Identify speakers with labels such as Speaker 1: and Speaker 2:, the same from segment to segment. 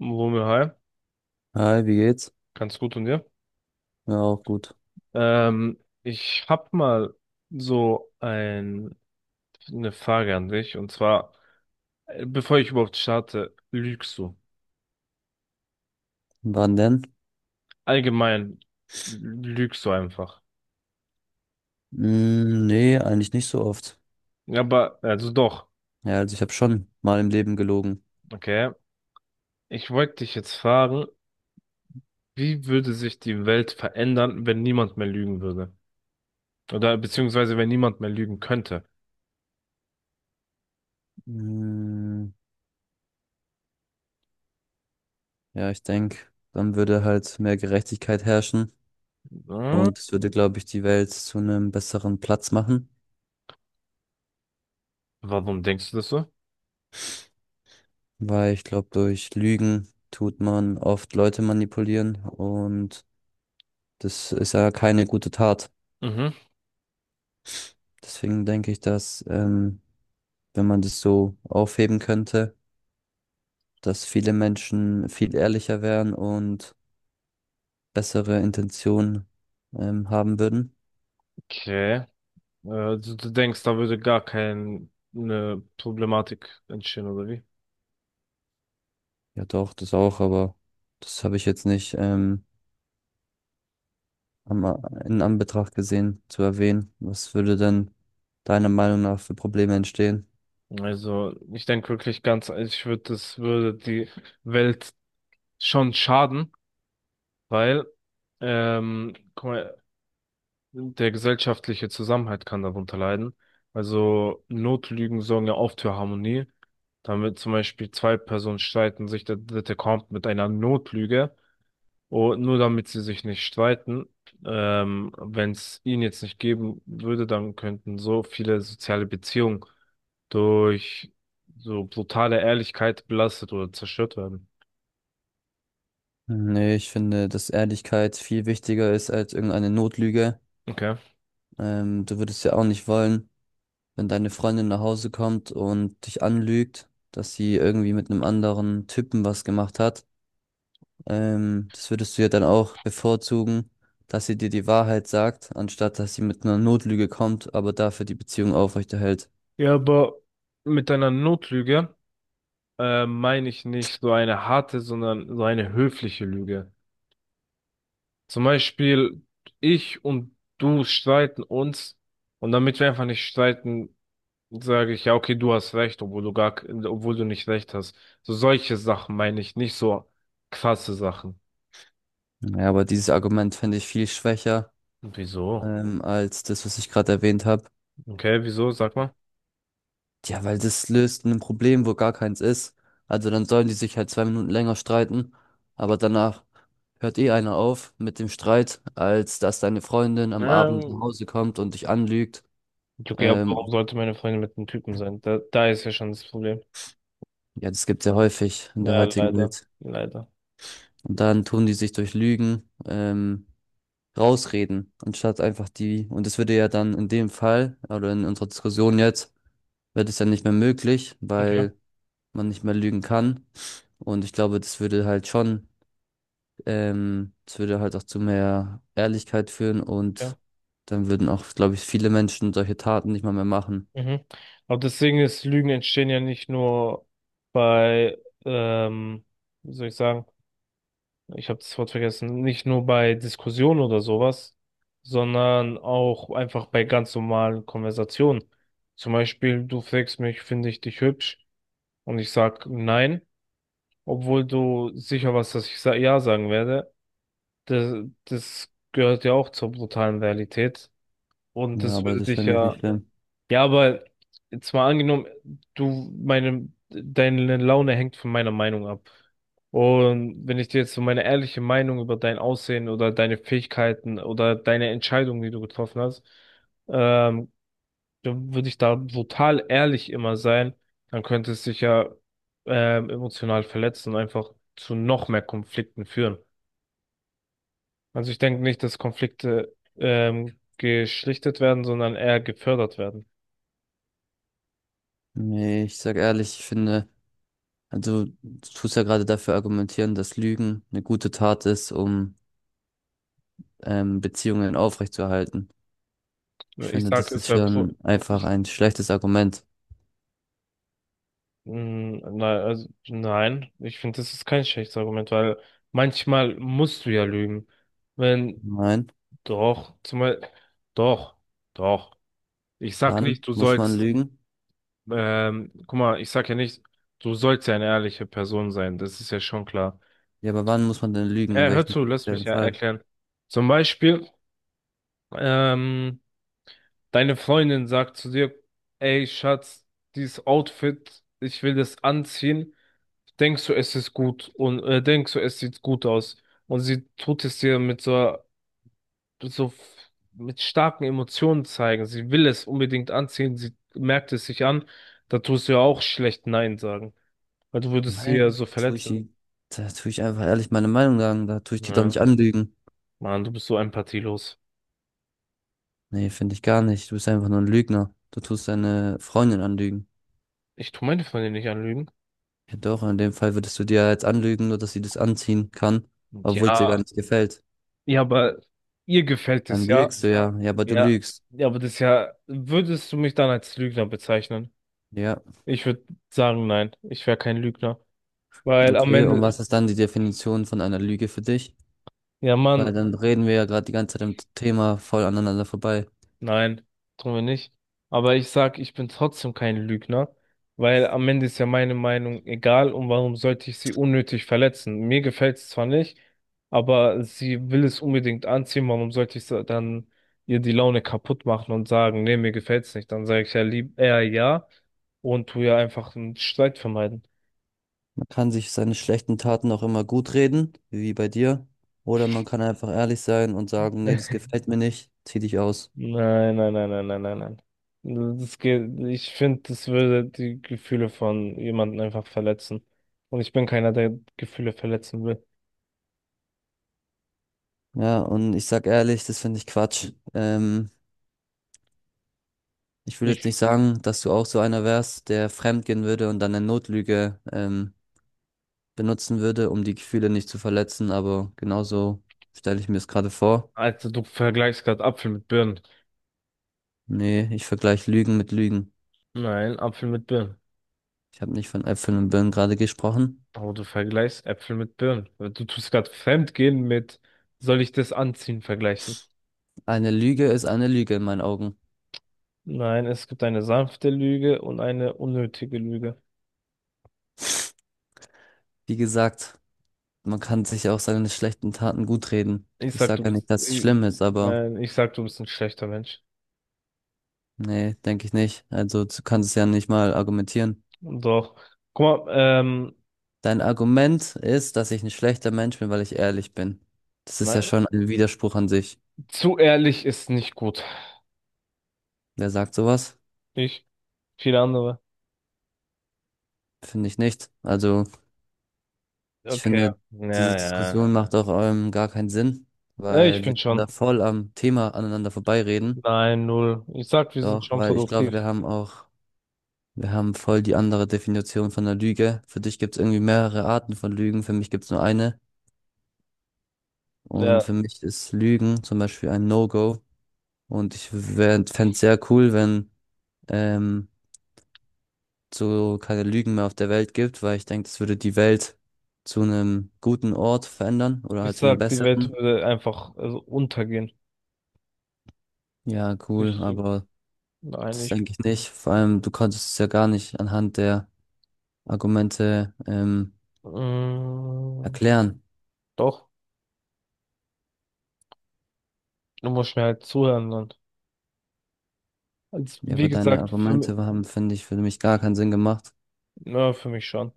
Speaker 1: Wumme, hi.
Speaker 2: Hi, wie geht's?
Speaker 1: Ganz gut und dir?
Speaker 2: Ja, auch gut.
Speaker 1: Ich hab mal so eine Frage an dich, und zwar, bevor ich überhaupt starte, lügst du?
Speaker 2: Wann denn?
Speaker 1: Allgemein, lügst du einfach?
Speaker 2: Mm, nee, eigentlich nicht so oft.
Speaker 1: Ja, aber, also doch,
Speaker 2: Ja, also ich habe schon mal im Leben gelogen.
Speaker 1: okay. Ich wollte dich jetzt fragen, wie würde sich die Welt verändern, wenn niemand mehr lügen würde? Oder beziehungsweise wenn niemand mehr lügen könnte?
Speaker 2: Mm, ja, ich denke, dann würde halt mehr Gerechtigkeit herrschen
Speaker 1: Hm?
Speaker 2: und es würde, glaube ich, die Welt zu einem besseren Platz machen,
Speaker 1: Warum denkst du das so?
Speaker 2: weil ich glaube, durch Lügen tut man oft Leute manipulieren und das ist ja keine gute Tat.
Speaker 1: Mhm.
Speaker 2: Deswegen denke ich, dass wenn man das so aufheben könnte, dass viele Menschen viel ehrlicher wären und bessere Intentionen haben würden.
Speaker 1: Okay. Äh, du denkst, da würde gar keine Problematik entstehen, oder wie?
Speaker 2: Ja, doch, das auch, aber das habe ich jetzt nicht am, in Anbetracht gesehen zu erwähnen. Was würde denn deiner Meinung nach für Probleme entstehen?
Speaker 1: Also, ich denke wirklich ganz, ich würde, das würde die Welt schon schaden, weil, guck mal, der gesellschaftliche Zusammenhalt kann darunter leiden. Also, Notlügen sorgen ja oft für Harmonie. Damit zum Beispiel zwei Personen streiten, sich der dritte kommt mit einer Notlüge. Und nur damit sie sich nicht streiten, wenn es ihn jetzt nicht geben würde, dann könnten so viele soziale Beziehungen durch so brutale Ehrlichkeit belastet oder zerstört werden.
Speaker 2: Nee, ich finde, dass Ehrlichkeit viel wichtiger ist als irgendeine Notlüge.
Speaker 1: Okay.
Speaker 2: Du würdest ja auch nicht wollen, wenn deine Freundin nach Hause kommt und dich anlügt, dass sie irgendwie mit einem anderen Typen was gemacht hat. Das würdest du ja dann auch bevorzugen, dass sie dir die Wahrheit sagt, anstatt dass sie mit einer Notlüge kommt, aber dafür die Beziehung aufrechterhält.
Speaker 1: Ja, aber mit einer Notlüge meine ich nicht so eine harte, sondern so eine höfliche Lüge. Zum Beispiel, ich und du streiten uns, und damit wir einfach nicht streiten, sage ich, ja, okay, du hast recht, obwohl du gar, obwohl du nicht recht hast. So solche Sachen meine ich, nicht so krasse Sachen.
Speaker 2: Ja, aber dieses Argument finde ich viel schwächer,
Speaker 1: Wieso?
Speaker 2: als das, was ich gerade erwähnt habe.
Speaker 1: Okay, wieso? Sag mal.
Speaker 2: Ja, weil das löst ein Problem, wo gar keins ist. Also dann sollen die sich halt zwei Minuten länger streiten, aber danach hört eh einer auf mit dem Streit, als dass deine Freundin am Abend nach
Speaker 1: Ähm,
Speaker 2: Hause kommt und dich anlügt.
Speaker 1: okay, aber
Speaker 2: Ähm,
Speaker 1: warum sollte meine Freundin mit einem Typen sein? Da ist ja schon das Problem.
Speaker 2: ja, das gibt's ja häufig in der
Speaker 1: Ja,
Speaker 2: heutigen
Speaker 1: leider,
Speaker 2: Welt.
Speaker 1: leider.
Speaker 2: Und dann tun die sich durch Lügen rausreden, anstatt einfach die, und das würde ja dann in dem Fall, oder in unserer Diskussion jetzt, wird es ja nicht mehr möglich,
Speaker 1: Okay,
Speaker 2: weil man nicht mehr lügen kann. Und ich glaube, das würde halt schon, das würde halt auch zu mehr Ehrlichkeit führen
Speaker 1: okay.
Speaker 2: und dann würden auch, glaube ich, viele Menschen solche Taten nicht mal mehr machen.
Speaker 1: Mhm. Aber deswegen, ist Lügen entstehen ja nicht nur bei, ähm, wie soll ich sagen? Ich habe das Wort vergessen, nicht nur bei Diskussionen oder sowas, sondern auch einfach bei ganz normalen Konversationen. Zum Beispiel, du fragst mich, finde ich dich hübsch? Und ich sag nein, obwohl du sicher warst, dass ich sa ja sagen werde. Das, das gehört ja auch zur brutalen Realität. Und
Speaker 2: Ja,
Speaker 1: das
Speaker 2: aber
Speaker 1: würde
Speaker 2: das
Speaker 1: dich
Speaker 2: finde ich nicht
Speaker 1: ja
Speaker 2: schlimm.
Speaker 1: ja, aber jetzt mal angenommen, du, meine, deine Laune hängt von meiner Meinung ab. Und wenn ich dir jetzt so meine ehrliche Meinung über dein Aussehen oder deine Fähigkeiten oder deine Entscheidung, die du getroffen hast, ähm, dann würde ich da brutal ehrlich immer sein, dann könnte es dich ja emotional verletzen und einfach zu noch mehr Konflikten führen. Also ich denke nicht, dass Konflikte geschlichtet werden, sondern eher gefördert werden.
Speaker 2: Nee, ich sag ehrlich, ich finde, also du tust ja gerade dafür argumentieren, dass Lügen eine gute Tat ist, um Beziehungen aufrechtzuerhalten. Ich
Speaker 1: Ich
Speaker 2: finde,
Speaker 1: sag,
Speaker 2: das ist
Speaker 1: es wäre pro
Speaker 2: schon einfach ein schlechtes Argument.
Speaker 1: mm, nein, also, nein, ich finde, das ist kein schlechtes Argument, weil manchmal musst du ja lügen. Wenn,
Speaker 2: Nein,
Speaker 1: doch, zumal, doch, doch. Ich sag
Speaker 2: wann
Speaker 1: nicht, du
Speaker 2: muss man
Speaker 1: sollst,
Speaker 2: lügen?
Speaker 1: guck mal, ich sag ja nicht, du sollst ja eine ehrliche Person sein, das ist ja schon klar.
Speaker 2: Ja, aber wann muss man denn lügen? In
Speaker 1: Ja, hör
Speaker 2: welchem
Speaker 1: zu, lass mich
Speaker 2: speziellen
Speaker 1: ja
Speaker 2: Fall?
Speaker 1: erklären. Zum Beispiel, ähm, deine Freundin sagt zu dir, ey, Schatz, dieses Outfit, ich will das anziehen. Denkst du, es ist gut, und denkst du, es sieht gut aus? Und sie tut es dir mit so, so mit starken Emotionen zeigen. Sie will es unbedingt anziehen, sie merkt es sich an. Da tust du ja auch schlecht nein sagen, weil du würdest sie ja
Speaker 2: Nein,
Speaker 1: so
Speaker 2: da tue ich
Speaker 1: verletzen.
Speaker 2: die, da tue ich einfach ehrlich meine Meinung sagen, da tue ich die doch
Speaker 1: Ja,
Speaker 2: nicht anlügen.
Speaker 1: Mann, du bist so empathielos.
Speaker 2: Nee, finde ich gar nicht. Du bist einfach nur ein Lügner. Du tust deine Freundin anlügen.
Speaker 1: Ich tu meine Freundin nicht anlügen.
Speaker 2: Ja doch, in dem Fall würdest du dir jetzt anlügen, nur dass sie das anziehen kann, obwohl es dir gar
Speaker 1: Ja,
Speaker 2: nicht gefällt.
Speaker 1: ja, aber ihr gefällt es,
Speaker 2: Dann
Speaker 1: ja?
Speaker 2: lügst du ja. Ja, aber du
Speaker 1: Ja,
Speaker 2: lügst.
Speaker 1: ja, aber das ist ja, würdest du mich dann als Lügner bezeichnen?
Speaker 2: Ja.
Speaker 1: Ich würde sagen, nein, ich wäre kein Lügner. Weil am
Speaker 2: Okay, und
Speaker 1: Ende,
Speaker 2: was ist dann die Definition von einer Lüge für dich?
Speaker 1: ja,
Speaker 2: Weil
Speaker 1: Mann,
Speaker 2: dann reden wir ja gerade die ganze Zeit im Thema voll aneinander vorbei.
Speaker 1: nein, tun wir nicht. Aber ich sag, ich bin trotzdem kein Lügner, weil am Ende ist ja meine Meinung egal, und warum sollte ich sie unnötig verletzen? Mir gefällt es zwar nicht, aber sie will es unbedingt anziehen, warum sollte ich dann ihr die Laune kaputt machen und sagen, nee, mir gefällt's nicht? Dann sage ich ja lieb eher ja und tu ja einfach einen Streit vermeiden.
Speaker 2: Man kann sich seine schlechten Taten auch immer gut reden, wie bei dir. Oder man kann einfach ehrlich sein und sagen, nee, das gefällt mir nicht, zieh dich aus.
Speaker 1: Nein, nein, nein, nein, nein, nein, nein. Das geht, ich finde, das würde die Gefühle von jemandem einfach verletzen. Und ich bin keiner, der Gefühle verletzen will.
Speaker 2: Ja, und ich sag ehrlich, das finde ich Quatsch. Ich will
Speaker 1: Ich,
Speaker 2: jetzt nicht sagen, dass du auch so einer wärst, der fremdgehen würde und dann eine Notlüge, benutzen würde, um die Gefühle nicht zu verletzen, aber genauso stelle ich mir es gerade vor.
Speaker 1: Alter, du vergleichst gerade Apfel mit Birnen.
Speaker 2: Nee, ich vergleiche Lügen mit Lügen.
Speaker 1: Nein, Apfel mit Birnen.
Speaker 2: Ich habe nicht von Äpfeln und Birnen gerade gesprochen.
Speaker 1: Aber du vergleichst Äpfel mit Birnen. Du tust gerade Fremdgehen mit, soll ich das anziehen, vergleichen.
Speaker 2: Eine Lüge ist eine Lüge in meinen Augen.
Speaker 1: Nein, es gibt eine sanfte Lüge und eine unnötige Lüge.
Speaker 2: Wie gesagt, man kann sich auch seine schlechten Taten gut reden.
Speaker 1: Ich
Speaker 2: Ich
Speaker 1: sag, du
Speaker 2: sage ja
Speaker 1: bist,
Speaker 2: nicht, dass es
Speaker 1: ich,
Speaker 2: schlimm ist, aber
Speaker 1: nein, ich sag, du bist ein schlechter Mensch.
Speaker 2: nee, denke ich nicht. Also du kannst es ja nicht mal argumentieren.
Speaker 1: Doch. Guck mal, ähm,
Speaker 2: Dein Argument ist, dass ich ein schlechter Mensch bin, weil ich ehrlich bin. Das ist ja
Speaker 1: nein,
Speaker 2: schon ein Widerspruch an sich.
Speaker 1: zu ehrlich ist nicht gut.
Speaker 2: Wer sagt sowas?
Speaker 1: Ich? Viele andere?
Speaker 2: Finde ich nicht. Also ich
Speaker 1: Okay.
Speaker 2: finde,
Speaker 1: Ja,
Speaker 2: diese
Speaker 1: ja.
Speaker 2: Diskussion macht auch gar keinen Sinn,
Speaker 1: Ja, ich ja,
Speaker 2: weil wir
Speaker 1: bin
Speaker 2: tun da
Speaker 1: schon.
Speaker 2: voll am Thema aneinander vorbeireden.
Speaker 1: Nein, null. Ich sag, wir sind
Speaker 2: Doch,
Speaker 1: schon
Speaker 2: weil ich glaube,
Speaker 1: produktiv.
Speaker 2: wir haben voll die andere Definition von der Lüge. Für dich gibt es irgendwie mehrere Arten von Lügen, für mich gibt es nur eine. Und
Speaker 1: Ja.
Speaker 2: für mich ist Lügen zum Beispiel ein No-Go. Und ich fände es sehr cool, wenn ähm, so keine Lügen mehr auf der Welt gibt, weil ich denke, das würde die Welt zu einem guten Ort verändern oder
Speaker 1: Ich
Speaker 2: halt zu einem
Speaker 1: sag, die Welt
Speaker 2: besseren.
Speaker 1: würde einfach also untergehen.
Speaker 2: Ja, cool,
Speaker 1: Ich,
Speaker 2: aber
Speaker 1: nein,
Speaker 2: das
Speaker 1: ich.
Speaker 2: denke ich nicht. Vor allem, du konntest es ja gar nicht anhand der Argumente
Speaker 1: Mm,
Speaker 2: erklären.
Speaker 1: doch. Du musst mir halt zuhören und. Also,
Speaker 2: Ja,
Speaker 1: wie
Speaker 2: aber deine
Speaker 1: gesagt, für mich,
Speaker 2: Argumente haben, finde ich, für mich gar keinen Sinn gemacht.
Speaker 1: na, für mich schon.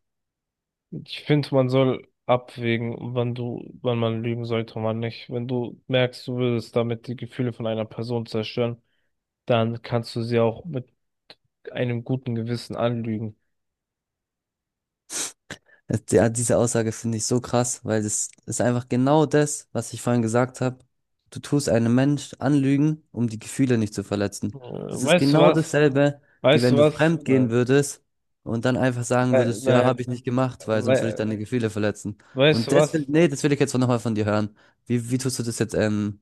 Speaker 1: Ich finde, man soll abwägen, wann du, wann man lügen sollte und wann nicht. Wenn du merkst, du würdest damit die Gefühle von einer Person zerstören, dann kannst du sie auch mit einem guten Gewissen anlügen.
Speaker 2: Ja, diese Aussage finde ich so krass, weil das ist einfach genau das, was ich vorhin gesagt habe. Du tust einem Mensch anlügen, um die Gefühle nicht zu verletzen. Das ist
Speaker 1: Weißt du
Speaker 2: genau
Speaker 1: was?
Speaker 2: dasselbe, wie
Speaker 1: Weißt
Speaker 2: wenn
Speaker 1: du
Speaker 2: du
Speaker 1: was?
Speaker 2: fremd gehen würdest und dann einfach sagen würdest, ja,
Speaker 1: Nein,
Speaker 2: habe ich nicht gemacht, weil
Speaker 1: we
Speaker 2: sonst würde ich deine Gefühle verletzen.
Speaker 1: weißt
Speaker 2: Und
Speaker 1: du
Speaker 2: das,
Speaker 1: was?
Speaker 2: nee, das will ich jetzt nochmal von dir hören. Wie tust du das jetzt,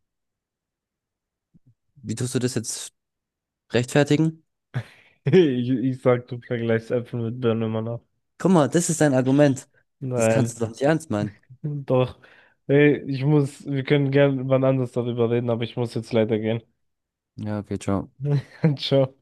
Speaker 2: wie tust du das jetzt rechtfertigen?
Speaker 1: Ich sag, du vergleichst Äpfel mit Birnen immer noch.
Speaker 2: Guck mal, das ist dein Argument. Das kannst
Speaker 1: Nein,
Speaker 2: du doch nicht ernst meinen.
Speaker 1: doch. Ey, ich muss, wir können gerne wann anders darüber reden, aber ich muss jetzt leider gehen.
Speaker 2: Ja, okay, ciao.
Speaker 1: Ciao.